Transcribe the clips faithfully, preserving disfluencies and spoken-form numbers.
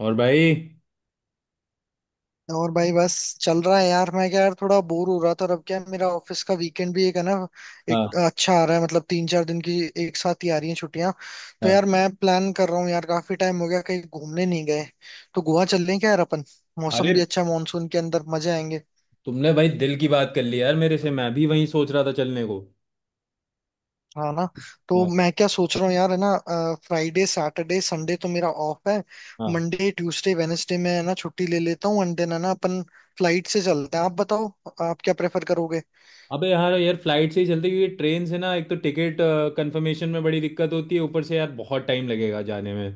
और भाई। और भाई बस चल रहा है यार। मैं क्या यार थोड़ा बोर हो रहा था और अब क्या है, मेरा ऑफिस का वीकेंड भी एक है ना। एक हाँ, अच्छा आ रहा है मतलब तीन चार दिन की एक साथ ही आ रही है छुट्टियां। तो हाँ। यार मैं प्लान कर रहा हूँ यार काफी टाइम हो गया कहीं घूमने नहीं गए। तो गोवा चल रहे हैं क्या यार अपन। मौसम अरे, भी अच्छा है मानसून के अंदर मजे आएंगे। तुमने भाई दिल की बात कर ली यार मेरे से। मैं भी वहीं सोच रहा था चलने को। हाँ ना। तो हाँ, मैं क्या सोच रहा हूँ यार है ना। फ्राइडे सैटरडे संडे तो मेरा ऑफ है। हाँ। मंडे ट्यूसडे वेनेसडे में है ना छुट्टी ले लेता हूँ एंड देन है ना अपन फ्लाइट से चलते हैं। आप बताओ आप क्या प्रेफर करोगे। अबे यार यार फ्लाइट से ही चलते, क्योंकि ट्रेन से ना एक तो टिकट कंफर्मेशन में बड़ी दिक्कत होती है, ऊपर से यार बहुत टाइम लगेगा जाने में।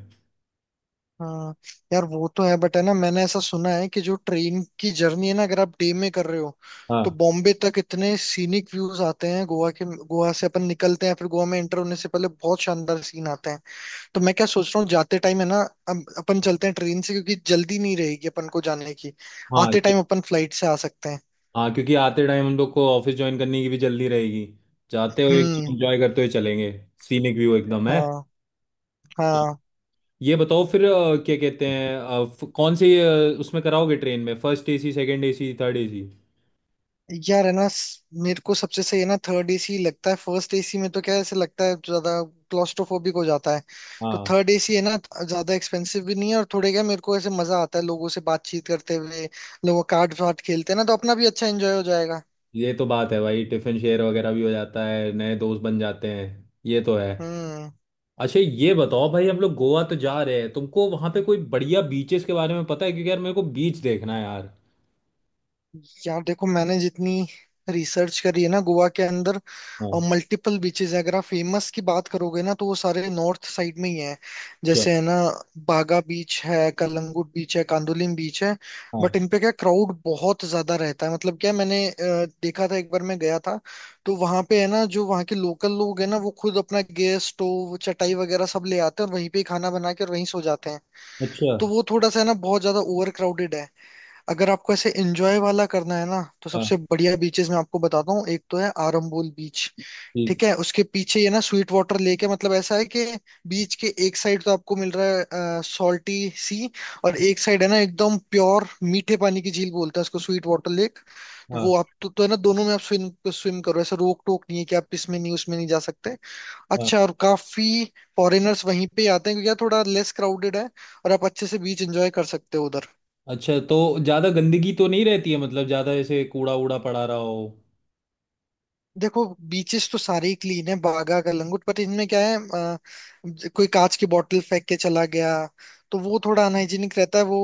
हाँ यार वो तो है बट है ना मैंने ऐसा सुना है कि जो ट्रेन की जर्नी है ना अगर आप डे में कर रहे हो तो हाँ, बॉम्बे तक इतने सीनिक व्यूज आते हैं गोवा के। गोवा से अपन निकलते हैं फिर गोवा में एंटर होने से पहले बहुत शानदार सीन आते हैं। तो मैं क्या सोच रहा हूँ जाते टाइम है ना अब अपन चलते हैं ट्रेन से क्योंकि जल्दी नहीं रहेगी अपन को जाने की। हाँ, आते ये। टाइम अपन फ्लाइट से आ सकते हैं। हाँ, क्योंकि आते टाइम हम लोग को ऑफिस ज्वाइन करने की भी जल्दी रहेगी। जाते हुए एकदम हम्म। एंजॉय करते हुए चलेंगे। सीनिक व्यू एकदम है। हाँ। हाँ। ये बताओ फिर अ, क्या कहते हैं अ, फ- कौन सी अ, उसमें कराओगे ट्रेन में, first AC, second AC, third AC? यार है ना स- मेरे को सबसे सही है ना थर्ड एसी लगता है। फर्स्ट एसी में तो क्या है, ऐसे लगता है ज्यादा क्लॉस्ट्रोफोबिक हो जाता है। तो हाँ, थर्ड एसी है ना ज्यादा एक्सपेंसिव भी नहीं है और थोड़े क्या मेरे को ऐसे मजा आता है लोगों से बातचीत करते हुए। लोग कार्ड वार्ड खेलते हैं ना तो अपना भी अच्छा एंजॉय हो जाएगा। ये तो बात है भाई। टिफिन शेयर वगैरह भी हो जाता है, नए दोस्त बन जाते हैं। ये तो है। हम्म। अच्छा, ये बताओ भाई, हम लोग गोवा तो जा रहे हैं, तुमको वहां पे कोई बढ़िया बीचेस के बारे में पता है? क्योंकि यार मेरे को बीच देखना है यार। यार देखो मैंने जितनी रिसर्च करी है ना गोवा के अंदर और हाँ। मल्टीपल बीचेस हैं। अगर आप फेमस की बात करोगे ना तो वो सारे नॉर्थ साइड में ही हैं। अच्छा। जैसे है ना बागा बीच है कलंगुट बीच है कांदोलिम बीच है। हाँ। बट इन पे क्या क्राउड बहुत ज्यादा रहता है मतलब क्या मैंने अ, देखा था एक बार मैं गया था। तो वहां पे है ना जो वहाँ के लोकल लोग हैं ना वो खुद अपना गैस स्टोव चटाई वगैरह सब ले आते हैं और वहीं पे ही खाना बना के और वहीं सो जाते हैं। अच्छा। तो वो थोड़ा सा है ना बहुत ज्यादा ओवर क्राउडेड है। अगर आपको ऐसे एंजॉय वाला करना है ना तो हाँ। सबसे बढ़िया बीचेस मैं आपको बताता हूँ। एक तो है आरंबोल बीच। ठीक। ठीक है उसके पीछे ये ना स्वीट वाटर लेक है। मतलब ऐसा है कि बीच के एक साइड तो आपको मिल रहा है सॉल्टी सी और एक साइड है ना एकदम प्योर मीठे पानी की झील बोलते हैं उसको स्वीट वाटर लेक। तो वो हाँ। आप तो, तो है ना दोनों में आप स्विम स्विम करो ऐसा रोक टोक नहीं है कि आप इसमें नहीं उसमें नहीं जा सकते। हाँ। अच्छा और काफी फॉरेनर्स वहीं पे आते हैं क्योंकि यार थोड़ा लेस क्राउडेड है और आप अच्छे से बीच एंजॉय कर सकते हो उधर। अच्छा, तो ज्यादा गंदगी तो नहीं रहती है? मतलब ज्यादा ऐसे कूड़ा वूड़ा पड़ा रहा हो? देखो बीचेस तो सारे ही क्लीन है बागा कलंगुट पर इनमें क्या है अ, ज- कोई कांच की बोतल फेंक के चला गया। तो वो थोड़ा अनहाइजीनिक रहता है। वो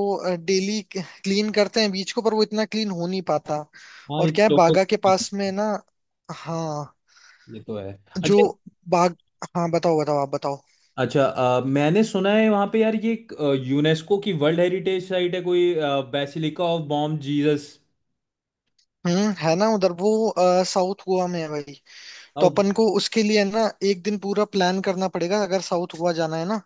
डेली क्लीन करते हैं बीच को पर वो इतना क्लीन हो नहीं पाता। हाँ, ये और क्या तो है लोगों। बागा के पास में ना हाँ ये तो है। जो अच्छा। बाग। हाँ बताओ बताओ आप बताओ। अच्छा, अ, मैंने सुना है वहां पे यार, ये यूनेस्को की वर्ल्ड हेरिटेज साइट है कोई, बेसिलिका ऑफ बॉम जीसस। हम्म है ना उधर वो साउथ गोवा में है भाई। तो साउथ। अपन को उसके लिए ना एक दिन पूरा प्लान करना पड़ेगा अगर साउथ गोवा जाना है ना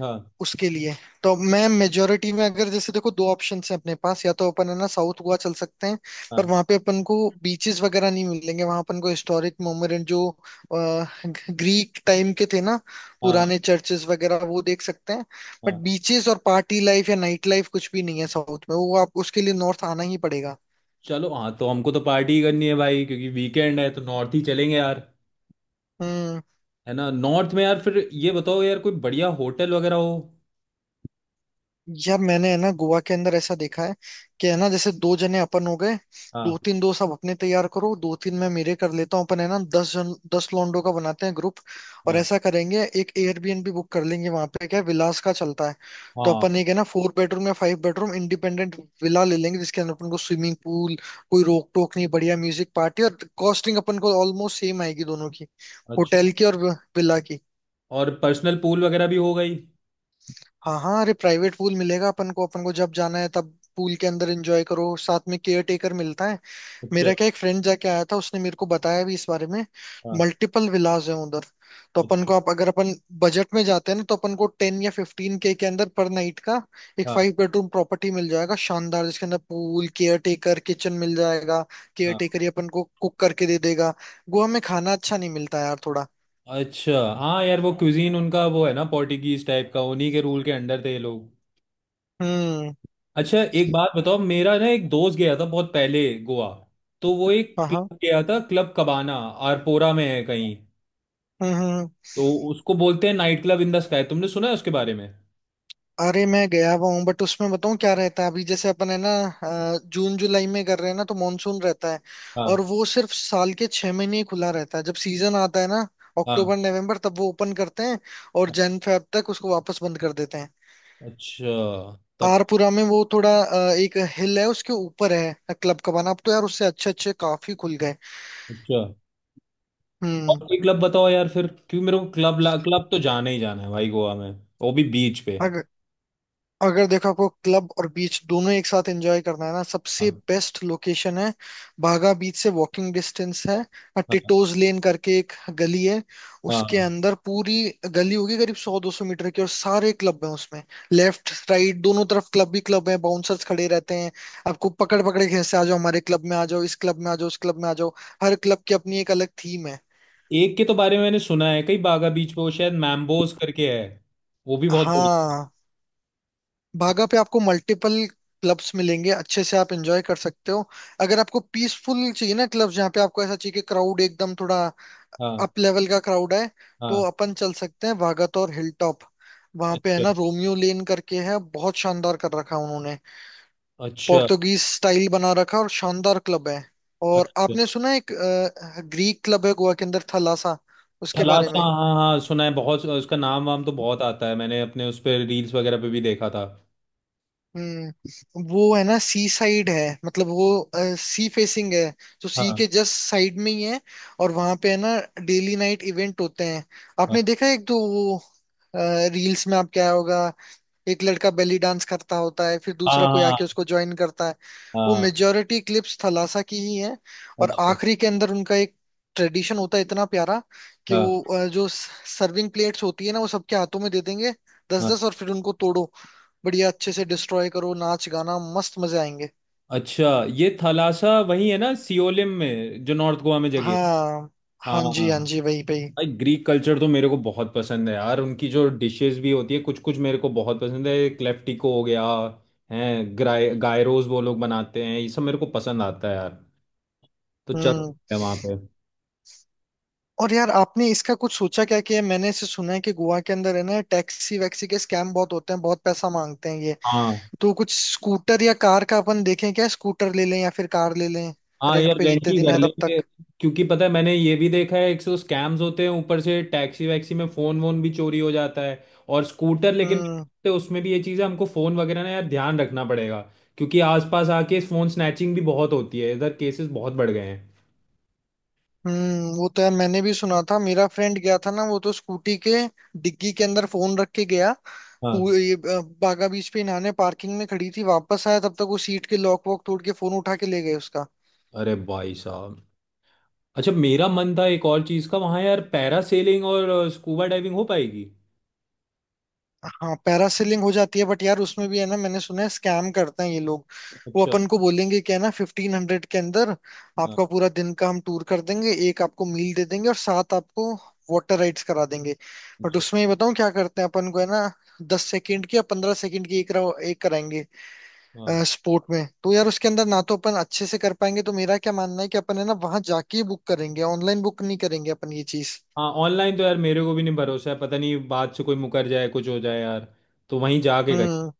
हाँ। उसके लिए। तो मैं मेजोरिटी में अगर जैसे देखो दो ऑप्शन है अपने पास या तो अपन है ना साउथ गोवा चल सकते हैं पर हाँ। वहां पे अपन को बीचेस वगैरह नहीं मिलेंगे। वहां अपन को हिस्टोरिक मोन्यूमेंट जो ग्रीक टाइम के थे ना हाँ। पुराने चर्चेस वगैरह वो देख सकते हैं। बट हाँ। बीचेस और पार्टी लाइफ या नाइट लाइफ कुछ भी नहीं है साउथ में। वो आप उसके लिए नॉर्थ आना ही पड़ेगा। चलो, हाँ, तो हमको तो पार्टी करनी है भाई क्योंकि वीकेंड है, तो नॉर्थ ही चलेंगे यार। हम्म। है ना, नॉर्थ में यार, फिर ये बताओ यार, कोई बढ़िया होटल वगैरह हो। यार मैंने है ना गोवा के अंदर ऐसा देखा है कि है ना जैसे दो जने अपन हो गए दो हाँ। तीन दोस्त आप अपने तैयार करो दो तीन मैं मेरे कर लेता हूँ अपन है ना दस जन दस लोंडो का बनाते हैं ग्रुप। और हाँ। ऐसा करेंगे एक एयरबीएनबी बुक कर लेंगे। वहां पे क्या है, विलास का चलता है। तो हाँ। अपन एक है ना फोर बेडरूम या फाइव बेडरूम इंडिपेंडेंट विला ले लेंगे जिसके अंदर अपन को स्विमिंग पूल कोई रोक टोक नहीं बढ़िया म्यूजिक पार्टी और कॉस्टिंग अपन को ऑलमोस्ट सेम आएगी दोनों की। होटल अच्छा, की और विला की। और पर्सनल पूल वगैरह भी हो गई। हाँ हाँ अरे प्राइवेट पूल मिलेगा अपन को। अपन को जब जाना है तब पूल के अंदर एंजॉय करो। साथ में केयर टेकर मिलता है। अच्छा। मेरा क्या एक फ्रेंड जाके आया था उसने मेरे को बताया भी इस बारे में। हाँ। मल्टीपल विलाज हैं उधर। तो अपन अच्छा। को आप अगर अपन बजट में जाते हैं ना तो अपन को टेन या फिफ्टीन के के अंदर पर नाइट का एक हाँ। फाइव बेडरूम प्रॉपर्टी मिल जाएगा शानदार जिसके अंदर पूल केयर टेकर किचन मिल जाएगा। केयर हाँ। टेकर ही अपन को कुक करके दे देगा। गोवा में खाना अच्छा नहीं मिलता यार थोड़ा। अच्छा, हाँ यार वो क्यूजीन उनका वो है ना पोर्टुगीज टाइप का, उन्हीं के रूल के अंडर थे ये लोग। हम्म। अच्छा, एक बात बताओ, मेरा ना एक दोस्त गया था बहुत पहले गोवा। तो वो एक हाँ। हाँ। क्लब गया था, क्लब कबाना। आरपोरा में है कहीं। हम्म। हम्म। हम्म। तो उसको बोलते हैं night club in the sky. तुमने सुना है उसके बारे में? अरे मैं गया हुआ हूँ बट उसमें बताऊँ क्या रहता है अभी जैसे अपन है ना अ, जून जुलाई में कर रहे हैं ना तो मानसून रहता है। हाँ, और वो सिर्फ साल के छह महीने ही खुला रहता है जब सीजन आता है ना हाँ। अक्टूबर नवंबर तब वो ओपन करते हैं। और जन फेब तक उसको वापस बंद कर देते हैं। अच्छा। तब। आरपुरा में वो थोड़ा अ, एक हिल है उसके ऊपर है क्लब का बना। अब तो यार उससे अच्छे अच्छे काफी खुल गए। अच्छा, और हम्म। कोई क्लब बताओ यार फिर, क्योंकि मेरे को क्लब क्लब तो जाना ही जाना है भाई गोवा में। वो भी बीच पे। अगर देखो आपको क्लब और बीच दोनों एक साथ एंजॉय करना है ना सबसे हाँ। बेस्ट लोकेशन है बागा बीच से वॉकिंग डिस्टेंस है। हाँ। टिटोज लेन करके एक गली है। उसके हाँ। अंदर पूरी गली होगी करीब सौ दो सौ मीटर की और सारे क्लब हैं उसमें। लेफ्ट राइट दोनों तरफ क्लब ही क्लब है। बाउंसर्स खड़े रहते हैं आपको पकड़ पकड़ के खींचते आ जाओ हमारे क्लब में आ जाओ इस क्लब में आ जाओ उस क्लब में आ जाओ। हर क्लब की अपनी एक अलग थीम है। एक के तो बारे में मैंने सुना है, कई बागा बीच पे, वो शायद मैम्बोज करके है। वो भी बहुत बड़ी। हाँ। भागा पे आपको मल्टीपल क्लब्स मिलेंगे अच्छे से आप एंजॉय कर सकते हो। अगर आपको पीसफुल चाहिए ना क्लब्स जहाँ पे आपको ऐसा चाहिए कि क्राउड एकदम थोड़ा हाँ। अप लेवल का क्राउड है तो हाँ। अपन चल सकते हैं वागातोर हिल टॉप। वहां पे है अच्छा। ना रोमियो लेन करके है। बहुत शानदार कर रखा है उन्होंने। अच्छा। पोर्तुगीज स्टाइल बना रखा है और शानदार क्लब है। और अच्छा, आपने सुना है एक ग्रीक क्लब है गोवा के अंदर थलासा उसके बारे थलासा, में। हाँ, हाँ, सुना है बहुत, उसका नाम वाम तो बहुत आता है, मैंने अपने उस पर रील्स वगैरह पे भी देखा था। हम्म वो है ना सी साइड है मतलब वो सी फेसिंग है। तो हाँ, सी हाँ। के जस्ट साइड में ही है। और वहां पे है ना डेली नाइट इवेंट होते हैं। आपने देखा है एक तो वो रील्स में। आप क्या होगा एक लड़का बेली डांस करता होता है फिर हाँ, दूसरा कोई हाँ, आके उसको ज्वाइन करता है। वो हाँ। मेजोरिटी क्लिप्स थलासा की ही है। और अच्छा। आखिरी के अंदर उनका एक ट्रेडिशन होता है इतना प्यारा कि हाँ, वो अ, जो सर्विंग प्लेट्स होती है ना वो सबके हाथों में दे देंगे। दस हाँ। दस और फिर उनको तोड़ो। बढ़िया अच्छे से डिस्ट्रॉय करो नाच गाना मस्त मजे आएंगे। अच्छा, ये थलासा वही है ना सियोलिम में, जो नॉर्थ गोवा में जगह है? हाँ। हाँ जी हाँ हाँ। जी वही वही। भाई ग्रीक कल्चर तो मेरे को बहुत पसंद है यार। उनकी जो डिशेस भी होती है कुछ कुछ मेरे को बहुत पसंद है, क्लेफ्टिको हो गया है, ग्राय गायरोस वो लोग बनाते हैं, ये सब मेरे को पसंद आता है यार। तो चल हम्म। सकते हैं वहाँ पे। और यार आपने इसका कुछ सोचा क्या कि मैंने इसे सुना है कि गोवा के अंदर है ना टैक्सी वैक्सी के स्कैम बहुत होते हैं बहुत पैसा मांगते हैं। हाँ। तो कुछ स्कूटर या कार का अपन देखें क्या। स्कूटर ले लें या फिर कार ले लें हाँ, रेंट यार पे रेंट जितने ही दिन कर है तब लेंगे। तक। क्योंकि पता है, मैंने ये भी देखा है एक सौ स्कैम्स होते हैं, ऊपर से टैक्सी वैक्सी में फोन वोन भी चोरी हो जाता है। और स्कूटर लेकिन, हम्म। तो उसमें भी ये चीज़ है, हमको फोन वगैरह ना यार ध्यान रखना पड़ेगा। क्योंकि आसपास आके फोन स्नैचिंग भी बहुत होती है इधर, केसेस बहुत बढ़ गए हैं। हम्म वो तो यार मैंने भी सुना था मेरा फ्रेंड गया था ना वो तो स्कूटी के डिग्गी के अंदर फोन रख के गया। वो हाँ। ये, अ, बागा बीच पे इन्हाने पार्किंग में खड़ी थी वापस आया तब तक वो सीट के लॉक वॉक तोड़ के फोन उठा के ले गए उसका। अरे भाई साहब। अच्छा, मेरा मन था एक और चीज़ का वहाँ यार, पैरासेलिंग और स्कूबा डाइविंग हो पाएगी? हाँ पैरासेलिंग हो जाती है बट यार उसमें भी है ना मैंने सुना है स्कैम करते हैं ये लोग। वो अच्छा। अपन को बोलेंगे क्या है ना फिफ्टीन हंड्रेड के अंदर हाँ। आपका पूरा दिन का हम टूर कर देंगे। एक आपको मील दे देंगे और साथ आपको वाटर राइड्स करा देंगे। बट अच्छा। उसमें ये बताऊँ क्या करते हैं अपन को है ना दस सेकंड की या पंद्रह सेकंड की एक करा- एक कराएंगे हाँ। स्पोर्ट में। तो यार उसके अंदर ना तो अपन अच्छे से कर पाएंगे तो मेरा क्या मानना है कि अपन है ना वहां जाके बुक करेंगे ऑनलाइन बुक नहीं करेंगे अपन ये चीज। हाँ, ऑनलाइन तो यार मेरे को भी नहीं भरोसा है, पता नहीं बात से कोई मुकर जाए, कुछ हो जाए यार। तो वहीं जाके कर। हम्म।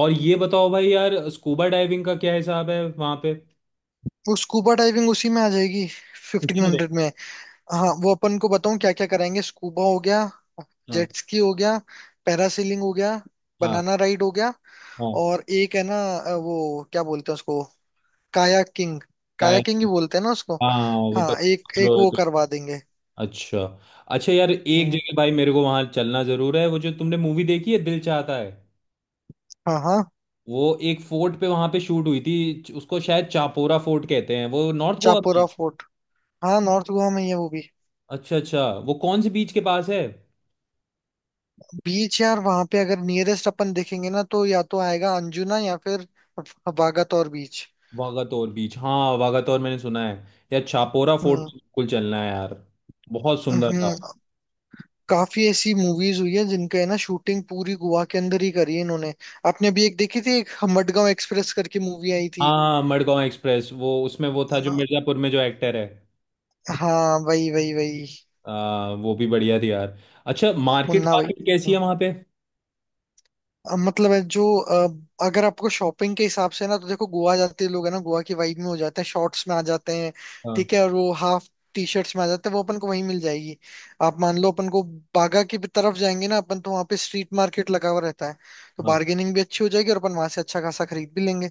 और ये बताओ भाई यार, स्कूबा डाइविंग का क्या हिसाब है वहां पे? वो स्कूबा डाइविंग उसी में आ जाएगी फिफ्टीन उसी में रहे? हंड्रेड में। हाँ वो अपन को बताऊं क्या क्या कराएंगे। स्कूबा हो गया हाँ। जेट स्की हो गया पैरासीलिंग हो गया हाँ। बनाना राइड हो गया। हाँ। और एक है ना अ, वो क्या बोलते हैं उसको कायाकिंग। कायाकिंग ही काया- बोलते हैं ना उसको। हाँ, वो हाँ एक एक वो पता। करवा देंगे। अच्छा। अच्छा यार, एक हम्म। जगह भाई मेरे को वहां चलना जरूर है। वो जो तुमने मूवी देखी है दिल चाहता है, हाँ। हाँ। वो एक फोर्ट पे वहां पे शूट हुई थी, उसको शायद चापोरा फोर्ट कहते हैं वो, नॉर्थ गोवा में। चापोरा फोर्ट। हाँ नॉर्थ गोवा में ही है वो भी। अच्छा, अच्छा, वो कौन से बीच के पास है? बीच यार वहां पे अगर नियरेस्ट अपन देखेंगे ना तो या तो आएगा अंजुना या फिर वागातोर बीच। वागातोर बीच, हाँ वागातोर मैंने सुना है। यार चापोरा फोर्ट हम्म। तो बिल्कुल चलना है यार, बहुत सुंदर था। हम्म। काफी ऐसी मूवीज हुई है जिनका है ना शूटिंग पूरी गोवा के अंदर ही करी है इन्होंने। आपने अभी एक देखी थी एक मडगांव एक्सप्रेस करके मूवी आई थी हाँ, मडगांव एक्सप्रेस, वो उसमें वो था है जो ना? मिर्जापुर में जो एक्टर है। हाँ वही वही वही। आ, वो भी बढ़िया थी यार। अच्छा, मार्केट मुन्ना भाई। मार्केट कैसी है हम्म। वहाँ पे? अ, मतलब है जो अ, अगर आपको शॉपिंग के हिसाब से ना तो देखो गोवा जाते लोग है ना गोवा की वाइब में हो जाते हैं शॉर्ट्स में आ जाते हैं। हाँ। ठीक है और वो हाफ टी शर्ट्स में आ जाते हैं वो अपन को वहीं मिल जाएगी। आप मान लो अपन को बागा की भी तरफ जाएंगे ना अपन तो वहाँ पे स्ट्रीट मार्केट लगा हुआ रहता है। तो हाँ। बार्गेनिंग भी अच्छी हो जाएगी और अपन वहां से अच्छा खासा खरीद भी लेंगे।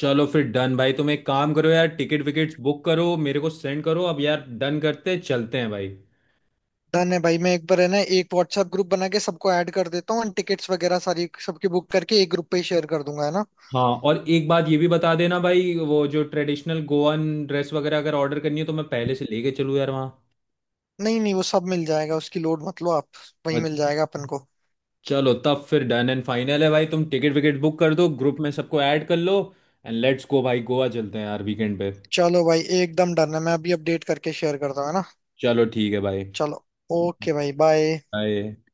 चलो फिर डन भाई, तुम एक काम करो यार, टिकट विकेट्स बुक करो, मेरे को सेंड करो अब यार, डन करते चलते हैं भाई। डन है भाई मैं एक बार है ना एक व्हाट्सएप ग्रुप बना के सबको ऐड कर देता हूँ टिकट्स वगैरह सारी सबकी बुक करके एक ग्रुप पे ही शेयर कर दूंगा है ना। हाँ, और एक बात ये भी बता देना भाई, वो जो ट्रेडिशनल गोवन ड्रेस वगैरह अगर ऑर्डर करनी है तो मैं पहले से लेके चलूँ यार वहाँ। नहीं नहीं वो सब मिल जाएगा उसकी लोड मत लो आप। वही मिल जाएगा अपन को। चलो तब फिर डन एंड फाइनल है भाई, तुम टिकट विकेट बुक कर दो, ग्रुप में सबको ऐड कर लो, एंड लेट्स गो भाई, गोवा चलते हैं यार वीकेंड पे। चलो भाई एकदम डन है मैं अभी अपडेट करके शेयर करता हूँ है ना। चलो ठीक है भाई। चलो। ओके भाई बाय। बाय।